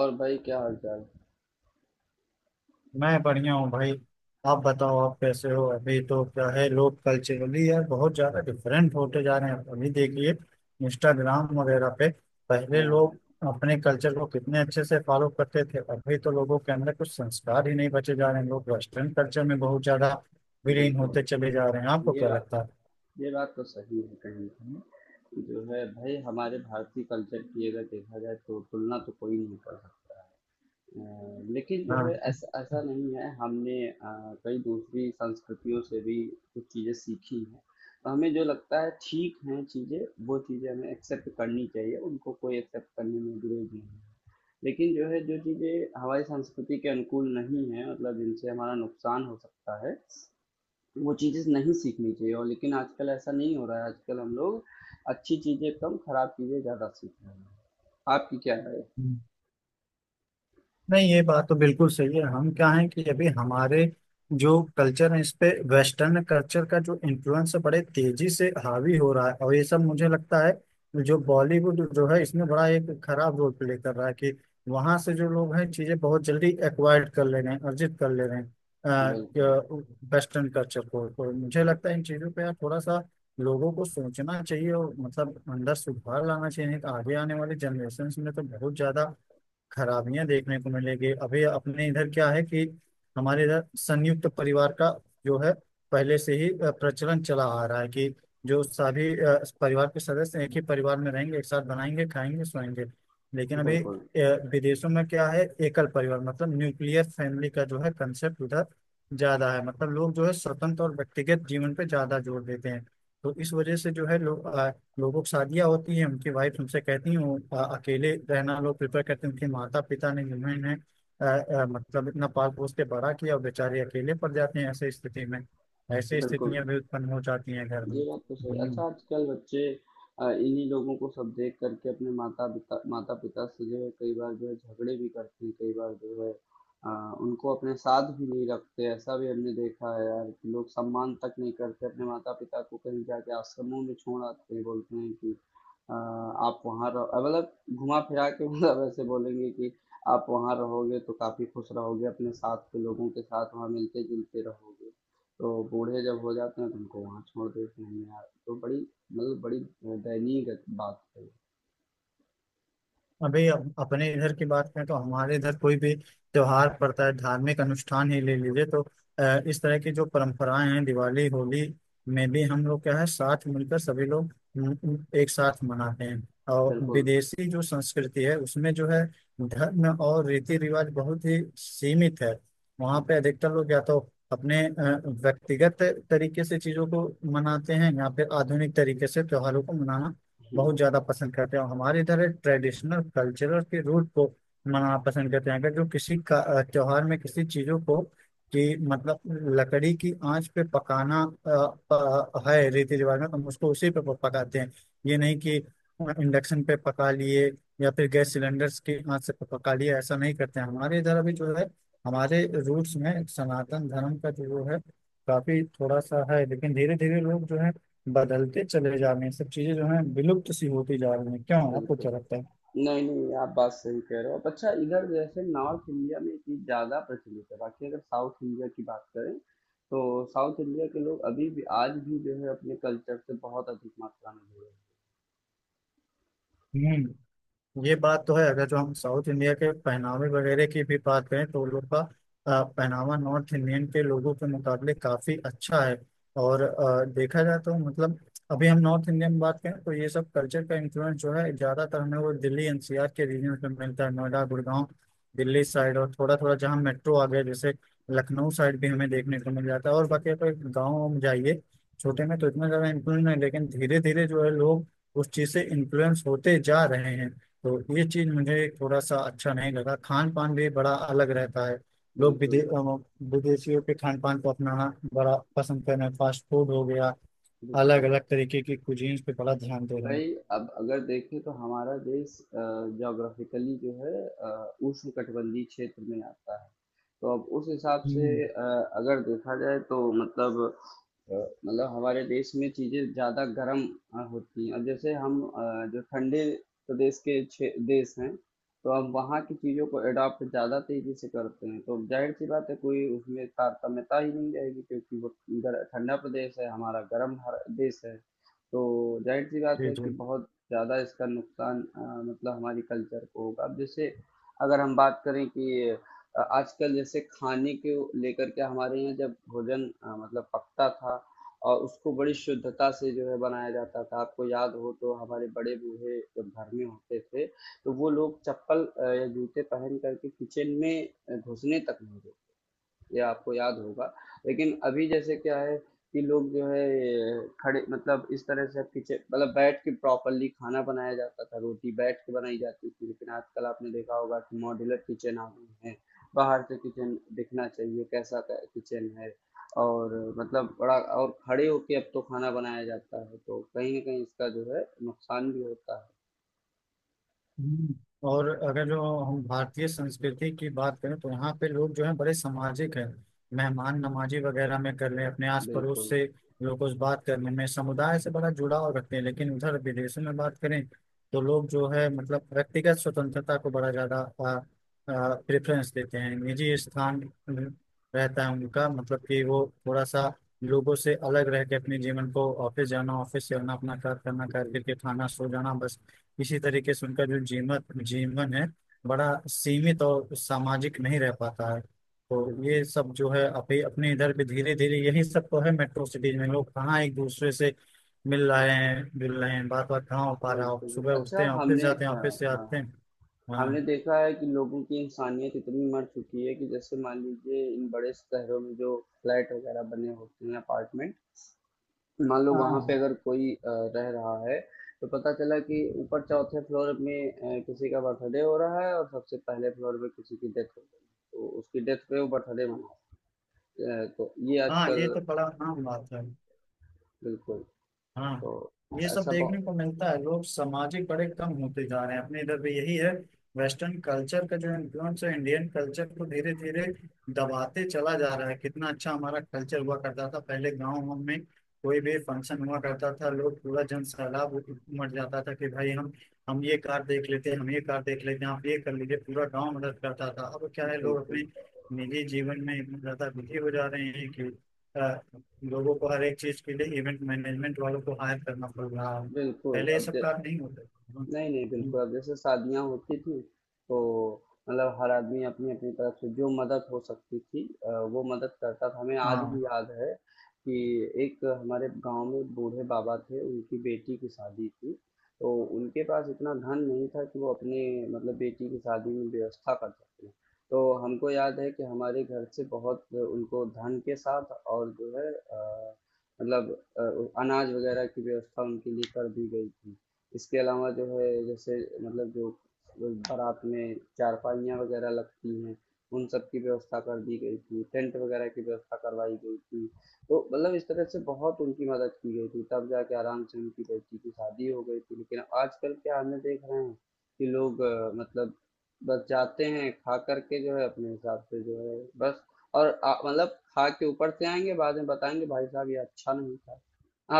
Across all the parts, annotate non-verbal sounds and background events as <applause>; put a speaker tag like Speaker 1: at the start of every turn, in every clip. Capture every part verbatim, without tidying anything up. Speaker 1: और भाई क्या हाल चाल।
Speaker 2: मैं बढ़िया हूँ भाई। आप बताओ, आप कैसे हो? अभी तो क्या है, लोग कल्चरली यार बहुत ज्यादा डिफरेंट होते जा रहे हैं। अभी देखिए इंस्टाग्राम वगैरह पे पहले लोग
Speaker 1: हाँ।
Speaker 2: अपने कल्चर को कितने अच्छे से फॉलो करते थे। अभी तो लोगों के अंदर कुछ संस्कार ही नहीं बचे जा रहे हैं। लोग वेस्टर्न कल्चर में बहुत ज्यादा विलीन
Speaker 1: बिल्कुल।
Speaker 2: होते चले जा रहे हैं। आपको
Speaker 1: ये
Speaker 2: क्या
Speaker 1: बात,
Speaker 2: लगता है?
Speaker 1: ये बात तो सही है कहीं ना कहीं जो है भाई। हमारे भारतीय कल्चर की अगर देखा जाए तो तुलना तो कोई नहीं कर सकता है। अ, लेकिन जो है ऐसा, ऐसा नहीं है हमने अ, कई दूसरी संस्कृतियों से भी कुछ चीज़ें सीखी हैं। तो हमें जो लगता है ठीक हैं चीज़ें, वो चीज़ें हमें एक्सेप्ट करनी चाहिए, उनको कोई एक्सेप्ट करने में विरोध नहीं है। लेकिन जो है, जो चीज़ें हमारी संस्कृति के अनुकूल नहीं है, मतलब जिनसे हमारा नुकसान हो सकता है, वो चीज़ें नहीं सीखनी चाहिए। और लेकिन आजकल ऐसा नहीं हो रहा है, आजकल हम लोग अच्छी चीज़ें कम, खराब चीज़ें ज़्यादा सीख रहे हैं। आपकी क्या राय है?
Speaker 2: हाँ। नहीं, ये बात तो बिल्कुल सही है। हम क्या है कि अभी हमारे जो कल्चर है इस पे वेस्टर्न कल्चर का जो इन्फ्लुएंस है बड़े तेजी से हावी हो रहा है। और ये सब मुझे लगता है जो बॉलीवुड जो है इसमें बड़ा एक खराब रोल प्ले कर रहा है कि वहां से जो लोग हैं चीजें बहुत जल्दी एक्वायर्ड कर ले रहे हैं, अर्जित कर ले रहे हैं
Speaker 1: बिल्कुल।
Speaker 2: वेस्टर्न कल्चर को। तो मुझे
Speaker 1: हम्म।
Speaker 2: लगता है इन चीजों पे यार थोड़ा सा लोगों को सोचना चाहिए और मतलब अंदर सुधार लाना चाहिए। नहीं तो आगे आने वाले जनरेशन में तो बहुत ज्यादा खराबियां देखने को मिलेगी। अभी अपने इधर क्या है कि हमारे इधर संयुक्त परिवार का जो है पहले से ही अ, प्रचलन चला आ रहा है कि जो सभी अ, परिवार के सदस्य एक ही परिवार में रहेंगे, एक साथ बनाएंगे, खाएंगे, सोएंगे। लेकिन अभी
Speaker 1: बिल्कुल।
Speaker 2: अ, विदेशों में क्या है, एकल परिवार मतलब न्यूक्लियर फैमिली का जो है कंसेप्ट उधर ज्यादा है। मतलब लोग जो है स्वतंत्र और व्यक्तिगत जीवन पे ज्यादा जोर देते हैं। तो इस वजह से जो है लोग, लोगों की शादियाँ होती हैं उनकी वाइफ उनसे कहती हैं वो अ, अकेले रहना लोग प्रेफर करते हैं। उनके माता पिता ने जिन्होंने इन्हें अ, अ, मतलब इतना पाल पोस के बड़ा किया, और बेचारे अकेले पड़ जाते हैं ऐसे स्थिति में। ऐसी
Speaker 1: बिल्कुल
Speaker 2: स्थितियां भी उत्पन्न हो जाती हैं घर में।
Speaker 1: ये बात तो सही। अच्छा,
Speaker 2: हम्म।
Speaker 1: आजकल बच्चे अ, इन्हीं लोगों को सब देख करके अपने माता पिता, माता पिता से जो है कई बार जो है झगड़े भी करते हैं, कई बार जो है अ, उनको अपने साथ भी नहीं रखते। ऐसा भी हमने देखा है यार कि लोग सम्मान तक नहीं करते अपने माता पिता को, कहीं जाके आश्रमों में छोड़ आते हैं। बोलते हैं कि अ, आप वहाँ रहो, अ, मतलब घुमा फिरा के <laughs> मतलब ऐसे बोलेंगे कि आप वहाँ रहोगे तो काफी खुश रहोगे, अपने साथ के लोगों के साथ वहाँ मिलते जुलते रहोगे। तो बूढ़े जब हो जाते हैं तो उनको वहाँ छोड़ देते हैं यार। तो बड़ी, मतलब बड़ी दयनीय गत- बात है।
Speaker 2: अभी अप- अपने इधर की बात करें तो हमारे इधर कोई भी त्योहार पड़ता है, धार्मिक अनुष्ठान ही ले लीजिए, तो अ, इस तरह की जो परंपराएं हैं दिवाली होली में भी हम लोग क्या है साथ मिलकर सभी लोग म, म, एक साथ मनाते हैं। और
Speaker 1: बिल्कुल।
Speaker 2: विदेशी जो संस्कृति है उसमें जो है धर्म और रीति रिवाज बहुत ही सीमित है। वहाँ पे अधिकतर लोग या तो अपने अ, व्यक्तिगत तरीके से चीजों को मनाते हैं या फिर आधुनिक तरीके से त्योहारों को मनाना
Speaker 1: बिल्कुल।
Speaker 2: बहुत ज्यादा पसंद करते हैं, और हमारे इधर ट्रेडिशनल कल्चरल के रूट को मनाना पसंद करते हैं। अगर जो किसी का अ, त्योहार में किसी चीजों को, कि मतलब लकड़ी की आंच पे पकाना अ, अ, है रीति रिवाज में, तो हम उसको उसी पे प- पकाते हैं। ये नहीं कि इंडक्शन पे पका लिए या फिर गैस सिलेंडर्स की आंच से प- पका लिए, ऐसा नहीं करते हैं हमारे इधर। अभी जो है हमारे रूट्स में सनातन धर्म का जो है काफी थोड़ा सा है, लेकिन धीरे धीरे लोग जो है बदलते चले जा रहे हैं, सब चीजें जो है विलुप्त सी होती जा रही हैं। क्यों, आपको
Speaker 1: बिल्कुल
Speaker 2: क्या लगता है?
Speaker 1: नहीं नहीं, आप बात सही कह रहे हो। अब अच्छा, इधर जैसे नॉर्थ इंडिया में ये चीज़ ज़्यादा प्रचलित है, बाकी अगर साउथ इंडिया की बात करें तो साउथ इंडिया के लोग अभी भी, आज भी जो है अपने कल्चर से बहुत अधिक मात्रा में जुड़े हैं।
Speaker 2: हम्म। ये बात तो है। अगर जो हम साउथ इंडिया के पहनावे वगैरह की भी बात करें तो उन लोग का अ, पहनावा नॉर्थ इंडियन के लोगों के मुकाबले काफी अच्छा है। और अ, देखा जाए तो मतलब अभी हम नॉर्थ इंडियन में बात करें तो ये सब कल्चर का इन्फ्लुएंस जो है ज्यादातर हमें वो दिल्ली एनसीआर के रीजन में मिलता है, नोएडा गुड़गांव दिल्ली साइड, और थोड़ा थोड़ा जहाँ मेट्रो आ गया जैसे लखनऊ साइड भी हमें देखने को मिल जाता है। और बाकी अगर गाँव में जाइए छोटे में तो इतना ज्यादा इन्फ्लुएंस नहीं, लेकिन धीरे धीरे जो है लोग उस चीज से इन्फ्लुएंस होते जा रहे हैं। तो ये चीज मुझे थोड़ा सा अच्छा नहीं लगा। खान पान भी बड़ा अलग रहता है। लोग विदे
Speaker 1: बिल्कुल।
Speaker 2: अ, विदेशियों के खान पान को अपनाना बड़ा पसंद करना, फास्ट फूड हो गया, अलग
Speaker 1: बिल्कुल।
Speaker 2: अलग तरीके की कुजीन्स पे बड़ा ध्यान दे रहे हैं।
Speaker 1: भाई, अब अगर देखें तो हमारा देश जोग्राफिकली जो है अ, उष्णकटिबंधीय क्षेत्र में आता है। तो अब उस हिसाब से
Speaker 2: हम्म।
Speaker 1: अ, अगर देखा जाए तो मतलब अ, मतलब हमारे देश में चीज़ें ज़्यादा गर्म अ, होती हैं। और जैसे हम अ, जो ठंडे प्रदेश के क्षे- देश हैं, तो हम वहाँ की चीज़ों को अडॉप्ट ज़्यादा तेज़ी से करते हैं। तो जाहिर सी बात है कोई उसमें तारतम्यता ही नहीं रहेगी, क्योंगर ठंडा प्रदेश है, हमारा गर्म हर- देश है। तो जाहिर सी बात
Speaker 2: जी
Speaker 1: है
Speaker 2: जी।
Speaker 1: कि बहुत ज़्यादा इसका नुकसान, अ, मतलब हमारी कल्चर को होगा। अब जैसे अगर हम बात करें कि अ, आजकल जैसे खाने के लेकर के, हमारे यहाँ जब भोजन, अ, मतलब पकता था और उसको बड़ी शुद्धता से जो है बनाया जाता था। आपको याद हो तो हमारे बड़े बूढ़े जब घर में होते थे तो वो लोग चप्पल अ, या जूते पहन करके किचन में अ, घुसने तक नहीं देते। ये आपको याद होगा। लेकिन अभी जैसे क्या है कि लोग जो है ये खड़े, मतलब इस तरह से, अब किचन, मतलब बैठ के प्रॉपरली खाना बनाया जाता था, रोटी बैठ के बनाई जाती थी। लेकिन आजकल आपने देखा होगा कि मॉड्यूलर किचन आ गए हैं, बाहर से किचन दिखना चाहिए कैसा किचन है, और मतलब बड़ा, और खड़े होके अब तो खाना बनाया जाता है। तो कहीं ना कहीं इसका जो है नुकसान भी होता
Speaker 2: हम्म, और अगर जो हम भारतीय संस्कृति की बात करें तो यहाँ पे लोग जो है बड़े सामाजिक हैं, मेहमान नमाजी वगैरह में कर लें अपने
Speaker 1: है।
Speaker 2: आस पड़ोस
Speaker 1: बिल्कुल।
Speaker 2: से, लोगों से बात करने में, समुदाय से बड़ा जुड़ाव रखते हैं। लेकिन उधर विदेशों में बात करें तो लोग जो है मतलब व्यक्तिगत स्वतंत्रता को बड़ा ज्यादा प्रेफरेंस देते हैं, निजी स्थान अ, रहता है उनका। मतलब कि वो थोड़ा सा लोगों से अलग रह के अपने जीवन को ऑफिस जाना, ऑफिस से आना, अपना कार्य करना, कार्य करके
Speaker 1: बिल्कुल।
Speaker 2: खाना, सो जाना, बस इसी तरीके से उनका जो जीवन जीवन है बड़ा सीमित और सामाजिक नहीं रह पाता है। तो
Speaker 1: बिल्कुल।
Speaker 2: ये सब जो है अभी अपने इधर भी धीरे धीरे यही सब तो है, मेट्रो सिटीज में लोग कहाँ एक दूसरे से मिल रहे हैं जुल रहे हैं, बात बात कहाँ हो पा रहा हो,
Speaker 1: बिल्कुल
Speaker 2: सुबह
Speaker 1: अच्छा।
Speaker 2: उठते हैं ऑफिस
Speaker 1: हमने
Speaker 2: जाते हैं
Speaker 1: हाँ,
Speaker 2: ऑफिस से
Speaker 1: हाँ,
Speaker 2: आते
Speaker 1: हाँ।
Speaker 2: हैं।
Speaker 1: हमने
Speaker 2: हाँ
Speaker 1: देखा है कि लोगों की इंसानियत इतनी मर चुकी है कि, जैसे मान लीजिए इन बड़े शहरों में जो फ्लैट वगैरह बने होते हैं, अपार्टमेंट, मान लो वहां पे
Speaker 2: हाँ
Speaker 1: अगर कोई अ, रह रहा है, तो पता चला कि ऊपर चौथे फ्लोर में अ, किसी का बर्थडे हो रहा है और सबसे पहले फ्लोर पे किसी की डेथ हो गई। तो उसकी डेथ पे वो बर्थडे मना, अ, तो ये
Speaker 2: हाँ,
Speaker 1: आजकल।
Speaker 2: ये तो बड़ा आम बात है।
Speaker 1: बिल्कुल।
Speaker 2: हाँ,
Speaker 1: तो
Speaker 2: ये सब
Speaker 1: ऐसा
Speaker 2: देखने
Speaker 1: बहुत।
Speaker 2: को मिलता है, लोग सामाजिक बड़े कम होते जा रहे हैं, अपने इधर भी यही है। वेस्टर्न कल्चर का जो इन्फ्लुएंस है इंडियन कल्चर को धीरे धीरे दबाते चला जा रहा है। कितना अच्छा हमारा कल्चर हुआ करता था, पहले गाँव में कोई भी फंक्शन हुआ करता था लोग पूरा जन सैलाब उमड़ जाता था कि भाई हम हम ये कार देख लेते हैं, हम ये कार देख लेते हैं, आप ये कर लीजिए, पूरा गाँव मदद करता था। अब क्या है, लोग
Speaker 1: बिल्कुल।
Speaker 2: अपने निजी जीवन में इतना ज्यादा बिजी हो जा रहे हैं कि लोगों को हर एक चीज के लिए इवेंट मैनेजमेंट वालों को हायर करना पड़ रहा है।
Speaker 1: बिल्कुल
Speaker 2: पहले ये
Speaker 1: अब
Speaker 2: सब काम नहीं होते
Speaker 1: नहीं नहीं,
Speaker 2: थे।
Speaker 1: बिल्कुल। अब जैसे शादियां होती थी तो मतलब हर आदमी अपनी अपनी तरफ से जो मदद हो सकती थी, अ, वो मदद करता था। हमें आज भी
Speaker 2: हाँ
Speaker 1: याद है कि एक हमारे गांव में एक बूढ़े बाबा थे, उनकी बेटी की शादी थी। तो उनके पास इतना धन नहीं था कि वो अपने, मतलब बेटी की शादी में व्यवस्था कर सकते। तो हमको याद है कि हमारे घर से बहुत उनको धन के साथ और जो है, अ, मतलब अ, अनाज वगैरह की व्यवस्था उनके लिए कर दी गई थी। इसके अलावा जो है जैसे, मतलब जो बारात में चारपाइयाँ वगैरह लगती हैं, उन सब की व्यवस्था कर दी गई थी, टेंट वगैरह की व्यवस्था करवाई गई थी। तो मतलब इस तरह से बहुत उनकी मदद की गई थी, तब जाके आराम से उनकी बेटी की शादी हो गई थी। लेकिन आजकल क्या हमने देख रहे हैं कि लोग अ, मतलब बस जाते हैं खा करके जो है अपने हिसाब से, जो है बस, और आ- मतलब खा के ऊपर से आएंगे बाद में बताएंगे भाई साहब, ये अच्छा नहीं था।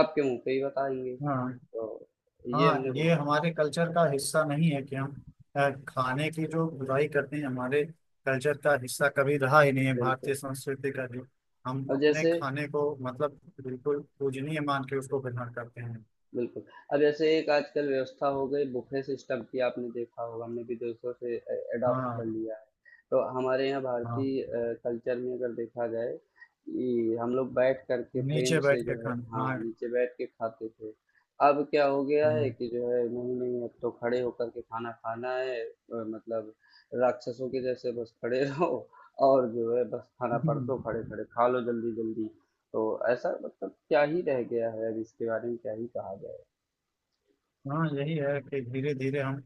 Speaker 1: आपके मुंह पे ही बताएंगे।
Speaker 2: हाँ
Speaker 1: तो ये
Speaker 2: हाँ,
Speaker 1: हमने
Speaker 2: ये
Speaker 1: बहुत।
Speaker 2: हमारे कल्चर का हिस्सा नहीं है कि हम अ, खाने की जो बुराई करते हैं, हमारे कल्चर का हिस्सा कभी रहा ही नहीं है
Speaker 1: बिल्कुल।
Speaker 2: भारतीय संस्कृति का, जो हम
Speaker 1: अब
Speaker 2: अपने
Speaker 1: जैसे
Speaker 2: खाने को मतलब बिल्कुल पूजनीय मान के उसको ग्रहण करते हैं।
Speaker 1: बिल्कुल अब जैसे एक आजकल व्यवस्था हो गई बुफे सिस्टम की, आपने देखा होगा, हमने भी दूसरों से अडॉप्ट
Speaker 2: हाँ।
Speaker 1: कर लिया है। तो हमारे यहाँ
Speaker 2: हाँ,
Speaker 1: भारतीय कल्चर में अगर देखा जाए कि हम लोग बैठ करके प्रेम
Speaker 2: नीचे
Speaker 1: से
Speaker 2: बैठ
Speaker 1: जो
Speaker 2: के
Speaker 1: है,
Speaker 2: खाना।
Speaker 1: हाँ,
Speaker 2: हाँ।
Speaker 1: नीचे बैठ के खाते थे। अब क्या हो गया है कि जो है नहीं नहीं, अब तो खड़े होकर के खाना खाना है, अ, मतलब राक्षसों के जैसे बस खड़े रहो और जो है बस खाना
Speaker 2: हम्म,
Speaker 1: परसो, खड़े खड़े खा लो जल्दी जल्दी। तो ऐसा, मतलब क्या ही रह गया है, अब इसके बारे में क्या ही कहा जाए।
Speaker 2: हाँ, यही है कि धीरे धीरे हम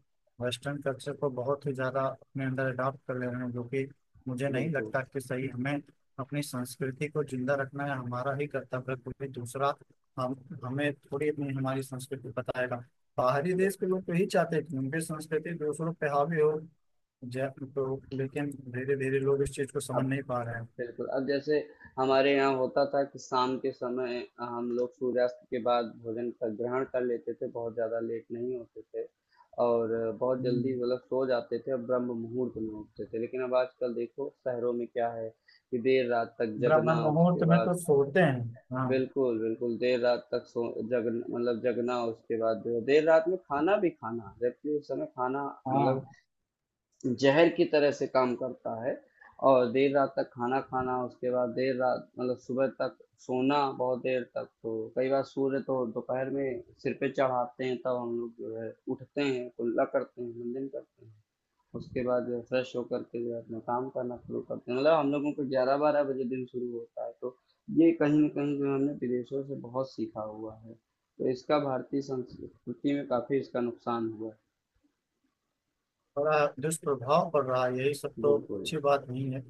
Speaker 2: वेस्टर्न कल्चर को बहुत ही ज़्यादा अपने अंदर अडॉप्ट कर ले रहे हैं, जो कि मुझे नहीं
Speaker 1: बिल्कुल।
Speaker 2: लगता कि सही। हमें अपनी संस्कृति को जिंदा रखना है, हमारा ही कर्तव्य है, कोई दूसरा हम हमें थोड़ी अपनी हमारी संस्कृति बताएगा। बाहरी देश
Speaker 1: बिल-
Speaker 2: के लोग तो यही चाहते हैं कि उनकी संस्कृति दूसरों पे हावी हो। जय। तो लेकिन धीरे धीरे लोग इस चीज़ को
Speaker 1: अब
Speaker 2: समझ नहीं पा रहे हैं।
Speaker 1: बिल्कुल। अब जैसे हमारे यहाँ होता था कि शाम के समय हम लोग सूर्यास्त के बाद भोजन का ग्रहण कर लेते थे, बहुत ज्यादा लेट नहीं होते थे, और बहुत
Speaker 2: हम्म।
Speaker 1: जल्दी मतलब सो जाते थे, और ब्रह्म मुहूर्त में उठते थे। लेकिन अब आजकल देखो शहरों में क्या है कि देर रात तक
Speaker 2: ब्राह्मण
Speaker 1: जगना,
Speaker 2: मुहूर्त
Speaker 1: उसके
Speaker 2: में
Speaker 1: बाद
Speaker 2: तो सोते हैं। हाँ।
Speaker 1: बिल्कुल। बिल्कुल देर रात तक सो जग मतलब जगना, उसके बाद जो है देर रात में खाना भी खाना, जबकि उस समय खाना, मतलब
Speaker 2: हाँ,
Speaker 1: जहर की तरह से काम करता है। और देर रात तक खाना खाना, उसके बाद देर रात, मतलब सुबह तक सोना, बहुत देर तक। तो कई बार सूर्य तो दोपहर में सिर पे चढ़ाते हैं तब तो हम लोग जो है उठते हैं, कुल्ला करते हैं, मुंडन करते हैं, उसके बाद जो है फ्रेश होकर के जो है अपना काम करना शुरू करते हैं। मतलब हम लोगों को ग्यारह बारह बजे दिन शुरू होता है। तो ये कहीं ना कहीं जो है हमने विदेशों से बहुत सीखा हुआ है। तो इसका भारतीय संस्कृति में काफी इसका नुकसान हुआ
Speaker 2: बड़ा दुष्प्रभाव पड़ रहा है, यही सब
Speaker 1: है।
Speaker 2: तो
Speaker 1: बिल्कुल।
Speaker 2: अच्छी बात नहीं है।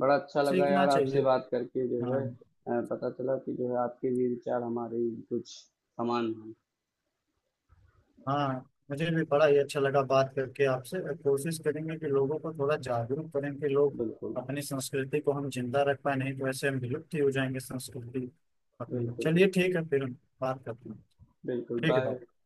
Speaker 1: बड़ा अच्छा लगा
Speaker 2: सीखना
Speaker 1: यार
Speaker 2: चाहिए।
Speaker 1: आपसे बात करके, जो
Speaker 2: हाँ।
Speaker 1: है अ, पता चला कि जो है आपके भी विचार हमारे ही कुछ समान हैं।
Speaker 2: हाँ, मुझे भी बड़ा ही अच्छा लगा बात करके आपसे, और कोशिश करेंगे कि लोगों को थोड़ा जागरूक करें कि लोग
Speaker 1: बिल्कुल।
Speaker 2: अपनी संस्कृति को हम जिंदा रख पाए, नहीं तो ऐसे हम विलुप्त ही हो जाएंगे संस्कृति अपनी।
Speaker 1: बिल्कुल।
Speaker 2: चलिए
Speaker 1: बिल्कुल।
Speaker 2: ठीक है, फिर हम बात करते हैं।
Speaker 1: बिल्कुल
Speaker 2: ठीक है
Speaker 1: बाय।
Speaker 2: भाई।